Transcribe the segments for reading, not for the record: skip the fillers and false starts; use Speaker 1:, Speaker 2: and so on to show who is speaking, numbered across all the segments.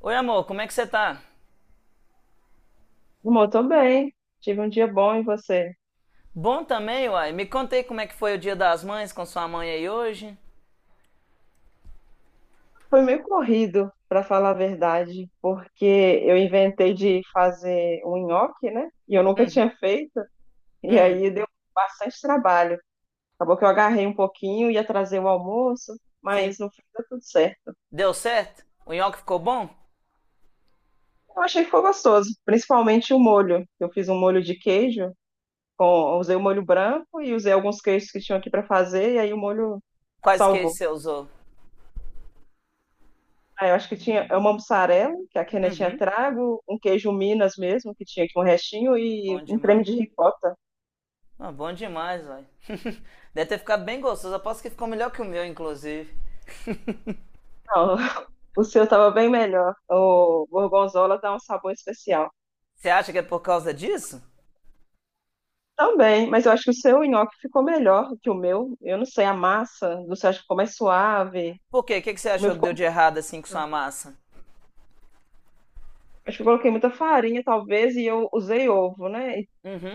Speaker 1: Oi, amor, como é que você tá?
Speaker 2: Amor, tô bem. Tive um dia bom e você?
Speaker 1: Bom também, uai. Me contei como é que foi o Dia das Mães com sua mãe aí hoje.
Speaker 2: Foi meio corrido, para falar a verdade, porque eu inventei de fazer um nhoque, né? E eu nunca
Speaker 1: Uhum.
Speaker 2: tinha feito, e
Speaker 1: Hum,
Speaker 2: aí deu bastante trabalho. Acabou que eu agarrei um pouquinho, ia trazer o almoço,
Speaker 1: sim.
Speaker 2: mas no fim deu tudo certo.
Speaker 1: Deu certo? O nhoque ficou bom?
Speaker 2: Eu achei que ficou gostoso, principalmente o molho. Eu fiz um molho de queijo, usei o molho branco e usei alguns queijos que tinham aqui para fazer, e aí o molho
Speaker 1: Quais queijos
Speaker 2: salvou.
Speaker 1: você usou?
Speaker 2: Ah, eu acho que tinha é uma mussarela, que a Kenia tinha
Speaker 1: Uhum.
Speaker 2: trago, um queijo Minas mesmo, que tinha aqui um restinho,
Speaker 1: Bom
Speaker 2: e um creme
Speaker 1: demais.
Speaker 2: de ricota.
Speaker 1: Ah, bom demais, uai. Deve ter ficado bem gostoso. Aposto que ficou melhor que o meu, inclusive.
Speaker 2: Não, o seu estava bem melhor. O gorgonzola dá um sabor especial.
Speaker 1: Você acha que é por causa disso?
Speaker 2: Também, mas eu acho que o seu nhoque ficou melhor que o meu. Eu não sei, a massa do seu acho que ficou mais suave.
Speaker 1: Por quê? O que que você
Speaker 2: O meu
Speaker 1: achou que
Speaker 2: ficou.
Speaker 1: deu de errado assim com sua massa?
Speaker 2: Acho que eu coloquei muita farinha, talvez, e eu usei ovo, né?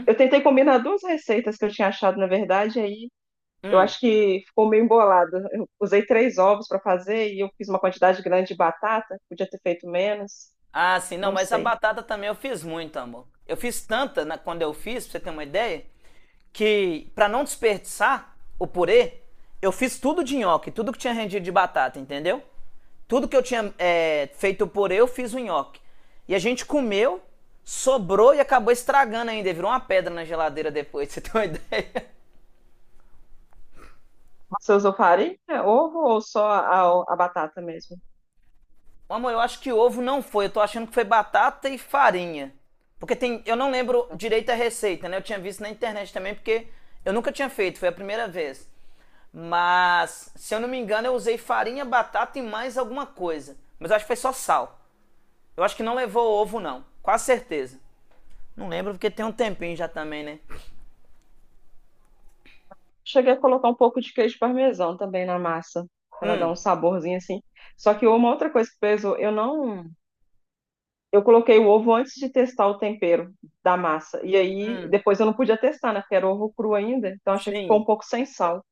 Speaker 2: Eu tentei combinar duas receitas que eu tinha achado, na verdade, aí eu acho que ficou meio embolado. Eu usei três ovos para fazer e eu fiz uma quantidade grande de batata, podia ter feito menos,
Speaker 1: Ah, sim, não,
Speaker 2: não
Speaker 1: mas a
Speaker 2: sei.
Speaker 1: batata também eu fiz muito, amor. Eu fiz quando eu fiz, pra você ter uma ideia, que pra não desperdiçar o purê, eu fiz tudo de nhoque, tudo que tinha rendido de batata, entendeu? Tudo que eu tinha feito o purê, eu fiz o nhoque. E a gente comeu, sobrou e acabou estragando ainda, virou uma pedra na geladeira depois, pra você ter uma ideia.
Speaker 2: Você usou farinha, ovo ou só a batata mesmo?
Speaker 1: Amor, eu acho que ovo não foi. Eu tô achando que foi batata e farinha. Porque eu não lembro
Speaker 2: Tá.
Speaker 1: direito a receita, né? Eu tinha visto na internet também, porque eu nunca tinha feito, foi a primeira vez. Mas, se eu não me engano, eu usei farinha, batata e mais alguma coisa. Mas eu acho que foi só sal. Eu acho que não levou ovo, não. Quase certeza. Não lembro porque tem um tempinho já também, né?
Speaker 2: Cheguei a colocar um pouco de queijo parmesão também na massa, para dar um
Speaker 1: Hum,
Speaker 2: saborzinho assim. Só que uma outra coisa que pesou, eu não, eu coloquei o ovo antes de testar o tempero da massa. E aí depois eu não podia testar, né? Porque era ovo cru ainda, então achei que ficou
Speaker 1: sim.
Speaker 2: um pouco sem sal.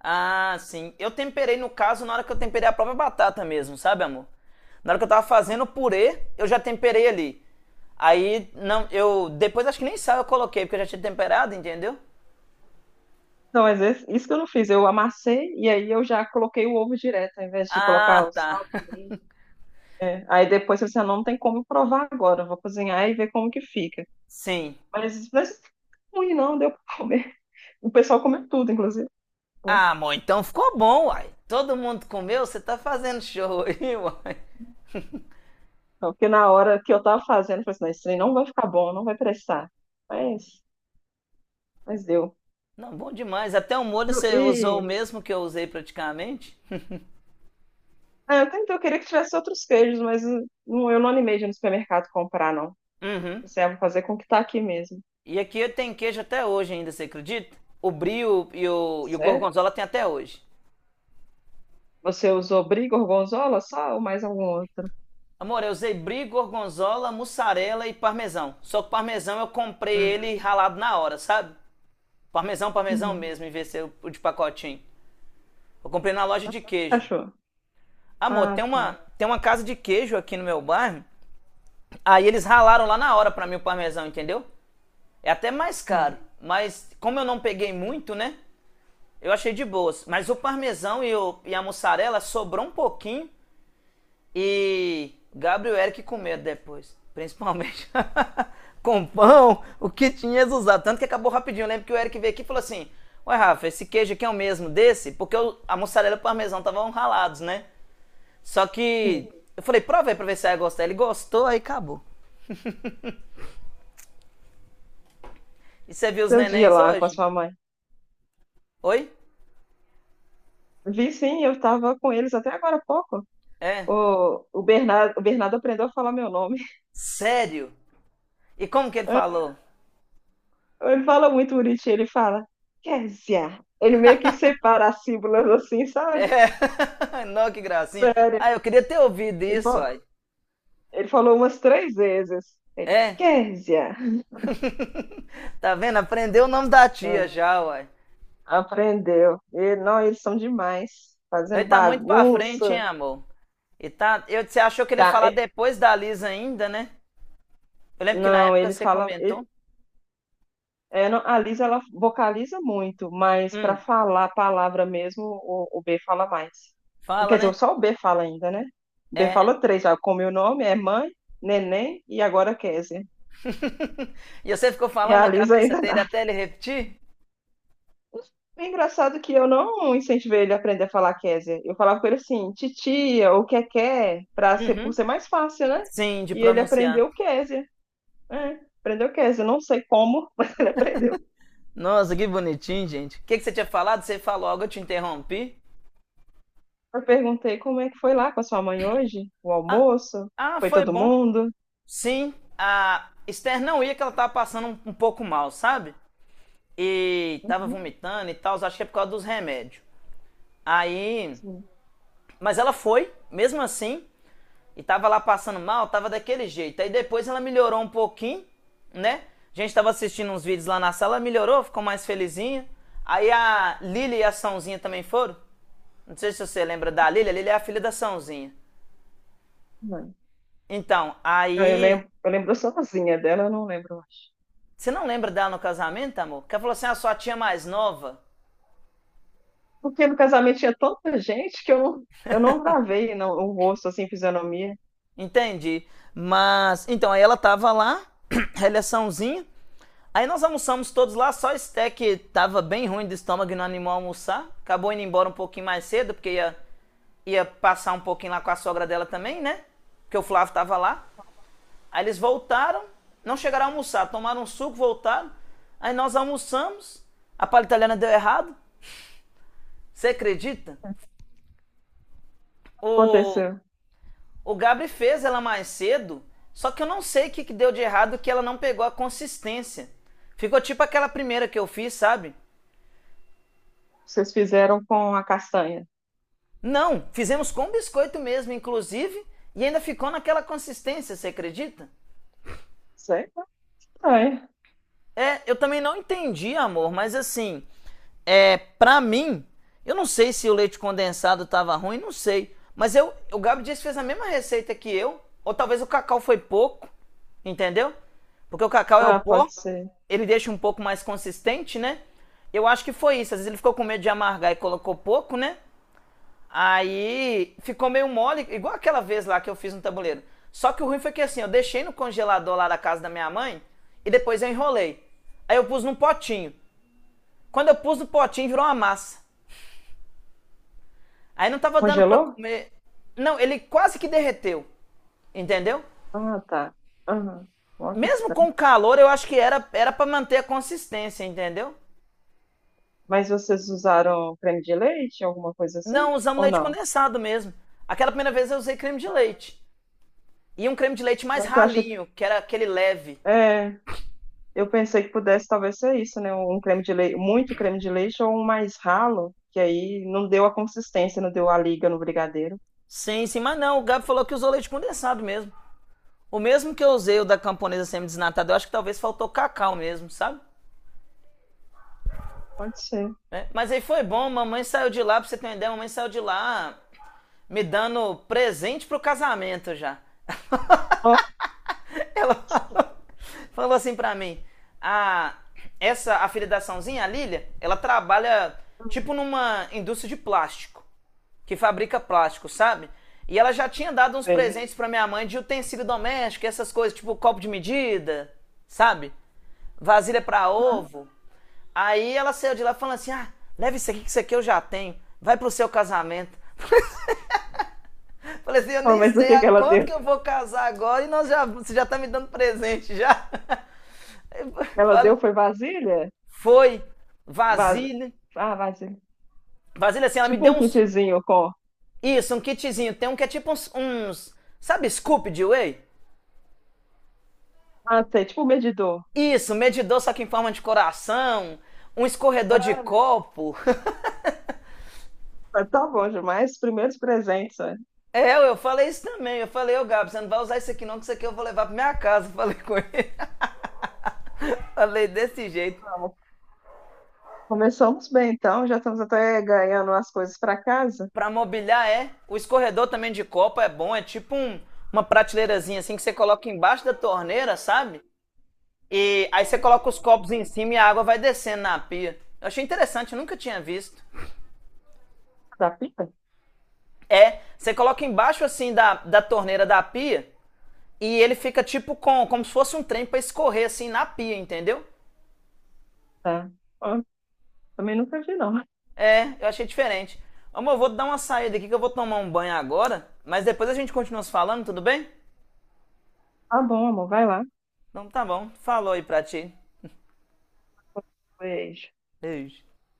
Speaker 1: Ah, sim. Eu temperei, no caso, na hora que eu temperei a própria batata mesmo, sabe, amor? Na hora que eu tava fazendo o purê, eu já temperei ali. Aí, não, eu. Depois acho que nem sal eu coloquei, porque eu já tinha temperado, entendeu?
Speaker 2: Não, mas isso que eu não fiz. Eu amassei e aí eu já coloquei o ovo direto, ao invés de colocar
Speaker 1: Ah,
Speaker 2: o
Speaker 1: tá.
Speaker 2: sal, pimenta. É. Aí depois você não tem como provar agora. Eu vou cozinhar e ver como que fica.
Speaker 1: Sim.
Speaker 2: Mas ruim não, deu pra comer. O pessoal comeu tudo, inclusive. Bom,
Speaker 1: Ah, amor, então ficou bom, uai. Todo mundo comeu, você tá fazendo show aí, uai.
Speaker 2: não, porque na hora que eu tava fazendo, eu falei assim, não, isso aí não vai ficar bom, não vai prestar. Mas, mas deu.
Speaker 1: Não, bom demais. Até o molho você
Speaker 2: E, e-
Speaker 1: usou o mesmo que eu usei praticamente.
Speaker 2: ah, eu tentei, eu queria que tivesse outros queijos, mas não, eu não animei de ir no supermercado comprar, não.
Speaker 1: Uhum.
Speaker 2: Você vai fazer com o que tá aqui mesmo.
Speaker 1: E aqui eu tenho queijo até hoje ainda, você acredita? O brie e o
Speaker 2: Sério?
Speaker 1: gorgonzola tem até hoje.
Speaker 2: Você usou brie, gorgonzola só ou mais algum outro?
Speaker 1: Amor, eu usei brie, gorgonzola, mussarela e parmesão. Só que o parmesão eu comprei
Speaker 2: Hum.
Speaker 1: ele ralado na hora, sabe? Parmesão, parmesão
Speaker 2: Uhum.
Speaker 1: mesmo, em vez de ser o de pacotinho. Eu comprei na loja de queijo.
Speaker 2: Achou?
Speaker 1: Amor,
Speaker 2: Ah,
Speaker 1: tem uma,
Speaker 2: tá.
Speaker 1: tem uma casa de queijo aqui no meu bairro. Aí eles ralaram lá na hora pra mim o parmesão, entendeu? É até mais
Speaker 2: Hum.
Speaker 1: caro, mas como eu não peguei muito, né? Eu achei de boas. Mas o parmesão e a mussarela sobrou um pouquinho. E Gabriel Eric com medo depois, principalmente. com pão, o que tinha usado. Tanto que acabou rapidinho. Eu lembro que o Eric veio aqui e falou assim: Ué, Rafa, esse queijo aqui é o mesmo desse? Porque a mussarela e o parmesão estavam ralados, né? Só
Speaker 2: E
Speaker 1: que eu falei: Prova aí pra ver se vai gostar. Ele gostou, aí acabou. E você viu os
Speaker 2: seu dia
Speaker 1: nenéns
Speaker 2: lá com a
Speaker 1: hoje?
Speaker 2: sua mãe.
Speaker 1: Oi?
Speaker 2: Vi sim, eu estava com eles até agora há pouco.
Speaker 1: É.
Speaker 2: O Bernardo, o Bernardo aprendeu a falar meu nome.
Speaker 1: Sério? E como que ele falou?
Speaker 2: Ele fala muito bonitinho, ele fala, Kézia. Ele meio que separa as sílabas assim,
Speaker 1: É.
Speaker 2: sabe?
Speaker 1: Não, que gracinha. Ah,
Speaker 2: Sério.
Speaker 1: eu queria ter ouvido
Speaker 2: Ele
Speaker 1: isso,
Speaker 2: falou,
Speaker 1: uai.
Speaker 2: ele falou umas três vezes. Ele,
Speaker 1: É.
Speaker 2: Kézia.
Speaker 1: Tá vendo? Aprendeu o nome da tia
Speaker 2: Ah,
Speaker 1: já, uai.
Speaker 2: aprendeu. E, não, eles são demais.
Speaker 1: Nós
Speaker 2: Fazendo
Speaker 1: tá muito pra frente, hein,
Speaker 2: bagunça.
Speaker 1: amor? E tá. Eu, você achou que ele ia
Speaker 2: Tá,
Speaker 1: falar depois da Lisa ainda, né? Eu lembro que na
Speaker 2: não,
Speaker 1: época
Speaker 2: ele
Speaker 1: você
Speaker 2: fala.
Speaker 1: comentou.
Speaker 2: É, não, a Liz ela vocaliza muito, mas para
Speaker 1: Hum,
Speaker 2: falar a palavra mesmo, o B fala mais.
Speaker 1: Fala,
Speaker 2: Quer
Speaker 1: né?
Speaker 2: dizer, só o B fala ainda, né? O B
Speaker 1: É.
Speaker 2: falou três já, como meu nome é mãe, neném e agora Kézia.
Speaker 1: E você ficou
Speaker 2: E
Speaker 1: falando
Speaker 2: a
Speaker 1: na
Speaker 2: Liz
Speaker 1: cabeça
Speaker 2: ainda não.
Speaker 1: dele até ele repetir?
Speaker 2: É engraçado é que eu não incentivei ele a aprender a falar Kézia. Eu falava com ele assim, titia, ou que quer, para ser, por
Speaker 1: Uhum.
Speaker 2: ser mais fácil, né?
Speaker 1: Sim, de
Speaker 2: E ele
Speaker 1: pronunciar.
Speaker 2: aprendeu Kézia. É, aprendeu Kézia. Eu não sei como, mas aprendeu.
Speaker 1: Nossa, que bonitinho, gente. O que, que você tinha falado? Você falou algo, eu te interrompi.
Speaker 2: Eu perguntei como é que foi lá com a sua mãe hoje, o
Speaker 1: Ah,
Speaker 2: almoço,
Speaker 1: ah,
Speaker 2: foi
Speaker 1: foi
Speaker 2: todo
Speaker 1: bom.
Speaker 2: mundo?
Speaker 1: Sim, a Esther não ia que ela tava passando um pouco mal, sabe? E tava
Speaker 2: Uhum,
Speaker 1: vomitando e tal, acho que é por causa dos remédios. Aí,
Speaker 2: sim,
Speaker 1: mas ela foi, mesmo assim, e tava lá passando mal, tava daquele jeito. Aí depois ela melhorou um pouquinho, né? A gente tava assistindo uns vídeos lá na sala, ela melhorou, ficou mais felizinha. Aí a Lili e a Sãozinha também foram. Não sei se você lembra da Lili, a Lili é a filha da Sãozinha.
Speaker 2: mãe.
Speaker 1: Então,
Speaker 2: Ah, eu
Speaker 1: aí.
Speaker 2: lembro, eu lembro sozinha dela, eu não lembro, eu acho.
Speaker 1: Você não lembra dela no casamento, amor? Que ela falou assim: a sua tia mais nova.
Speaker 2: Porque no casamento tinha tanta gente que eu não gravei não, o rosto, assim, fisionomia.
Speaker 1: Entende. Mas, então, aí ela tava lá, relaçãozinha. Aí nós almoçamos todos lá, só Sté que tava bem ruim do estômago e não animou a almoçar. Acabou indo embora um pouquinho mais cedo, porque ia, ia passar um pouquinho lá com a sogra dela também, né? Porque o Flávio tava lá. Aí eles voltaram, não chegaram a almoçar, tomaram um suco, voltaram. Aí nós almoçamos, a palha italiana deu errado. Você acredita? O,
Speaker 2: Aconteceu.
Speaker 1: O Gabri fez ela mais cedo, só que eu não sei o que, que deu de errado que ela não pegou a consistência. Ficou tipo aquela primeira que eu fiz, sabe?
Speaker 2: Vocês fizeram com a castanha.
Speaker 1: Não, fizemos com biscoito mesmo, inclusive, e ainda ficou naquela consistência, você acredita?
Speaker 2: Sei, castanha.
Speaker 1: É, eu também não entendi, amor, mas assim, é, pra mim, eu não sei se o leite condensado tava ruim, não sei. Mas eu, o Gabi disse que fez a mesma receita que eu, ou talvez o cacau foi pouco, entendeu? Porque o cacau é o
Speaker 2: Ah,
Speaker 1: pó,
Speaker 2: pode ser.
Speaker 1: ele deixa um pouco mais consistente, né? Eu acho que foi isso. Às vezes ele ficou com medo de amargar e colocou pouco, né? Aí ficou meio mole, igual aquela vez lá que eu fiz no tabuleiro. Só que o ruim foi que assim, eu deixei no congelador lá da casa da minha mãe e depois eu enrolei. Aí eu pus num potinho. Quando eu pus no potinho, virou uma massa. Aí não tava dando pra
Speaker 2: Congelou?
Speaker 1: comer. Não, ele quase que derreteu. Entendeu?
Speaker 2: Ah, tá. Aham. Ó, que
Speaker 1: Mesmo com
Speaker 2: estranho.
Speaker 1: o calor, eu acho que era para manter a consistência, entendeu?
Speaker 2: Mas vocês usaram creme de leite, alguma coisa
Speaker 1: Não,
Speaker 2: assim?
Speaker 1: usamos
Speaker 2: Ou
Speaker 1: leite
Speaker 2: não?
Speaker 1: condensado mesmo. Aquela primeira vez eu usei creme de leite. E um creme de leite mais
Speaker 2: Não, que eu acho.
Speaker 1: ralinho, que era aquele leve.
Speaker 2: É, eu pensei que pudesse talvez ser isso, né? Um creme de leite, muito creme de leite ou um mais ralo, que aí não deu a consistência, não deu a liga no brigadeiro.
Speaker 1: Sim, sim, mas não, o Gabi falou que usou leite condensado mesmo. O mesmo que eu usei o da camponesa semi-desnatada, eu acho que talvez faltou cacau mesmo, sabe?
Speaker 2: Pode ser.
Speaker 1: É, mas aí foi bom, mamãe saiu de lá, pra você ter uma ideia, mamãe saiu de lá me dando presente pro casamento já.
Speaker 2: Nossa,
Speaker 1: Ela falou assim pra mim: a, essa afiliaçãozinha, a Lilia, ela trabalha
Speaker 2: tudo
Speaker 1: tipo numa indústria de plástico, que fabrica plástico, sabe? E ela já tinha dado uns
Speaker 2: bem.
Speaker 1: presentes pra minha mãe de utensílio doméstico, essas coisas, tipo copo de medida, sabe? Vasilha pra ovo. Aí ela saiu de lá falando assim: ah, leva isso aqui, que isso aqui eu já tenho. Vai pro seu casamento. Falei assim: eu
Speaker 2: Ah,
Speaker 1: nem
Speaker 2: mas o
Speaker 1: sei
Speaker 2: que que
Speaker 1: a
Speaker 2: ela
Speaker 1: quanto
Speaker 2: deu?
Speaker 1: que eu vou casar agora e nós já, você já tá me dando presente já.
Speaker 2: Ela deu foi vasilha?
Speaker 1: Foi.
Speaker 2: Vas...
Speaker 1: Vasilha.
Speaker 2: ah, vasilha.
Speaker 1: Vasilha, assim, ela me
Speaker 2: Tipo
Speaker 1: deu
Speaker 2: um
Speaker 1: uns.
Speaker 2: kitzinho com.
Speaker 1: Isso, um kitzinho. Tem um que é tipo uns, sabe, scoop de whey?
Speaker 2: Ah, sei, tipo um medidor.
Speaker 1: Isso, medidor só que em forma de coração. Um escorredor de
Speaker 2: Ah, meu
Speaker 1: copo.
Speaker 2: Deus, tá bom demais. Primeiros presentes, né?
Speaker 1: É, eu falei isso também. Eu falei, ô Gabi, você não vai usar isso aqui não, que isso aqui eu vou levar pra minha casa. Falei com ele. Falei desse jeito.
Speaker 2: Vamos. Começamos bem, então. Já estamos até ganhando as coisas para casa.
Speaker 1: Pra mobiliar é. O escorredor também de copo é bom. É tipo um, uma prateleirazinha assim que você coloca embaixo da torneira, sabe? E aí você coloca os copos em cima e a água vai descendo na pia. Eu achei interessante, eu nunca tinha visto.
Speaker 2: Da pipa.
Speaker 1: É, você coloca embaixo assim da torneira da pia e ele fica tipo com, como se fosse um trem pra escorrer assim na pia, entendeu?
Speaker 2: Tá. Ó, também nunca vi, não.
Speaker 1: É, eu achei diferente. Amor, eu vou dar uma saída aqui que eu vou tomar um banho agora, mas depois a gente continua se falando, tudo bem?
Speaker 2: Tá bom, amor, vai lá.
Speaker 1: Então tá bom, falou aí pra ti.
Speaker 2: Pois.
Speaker 1: Beijo.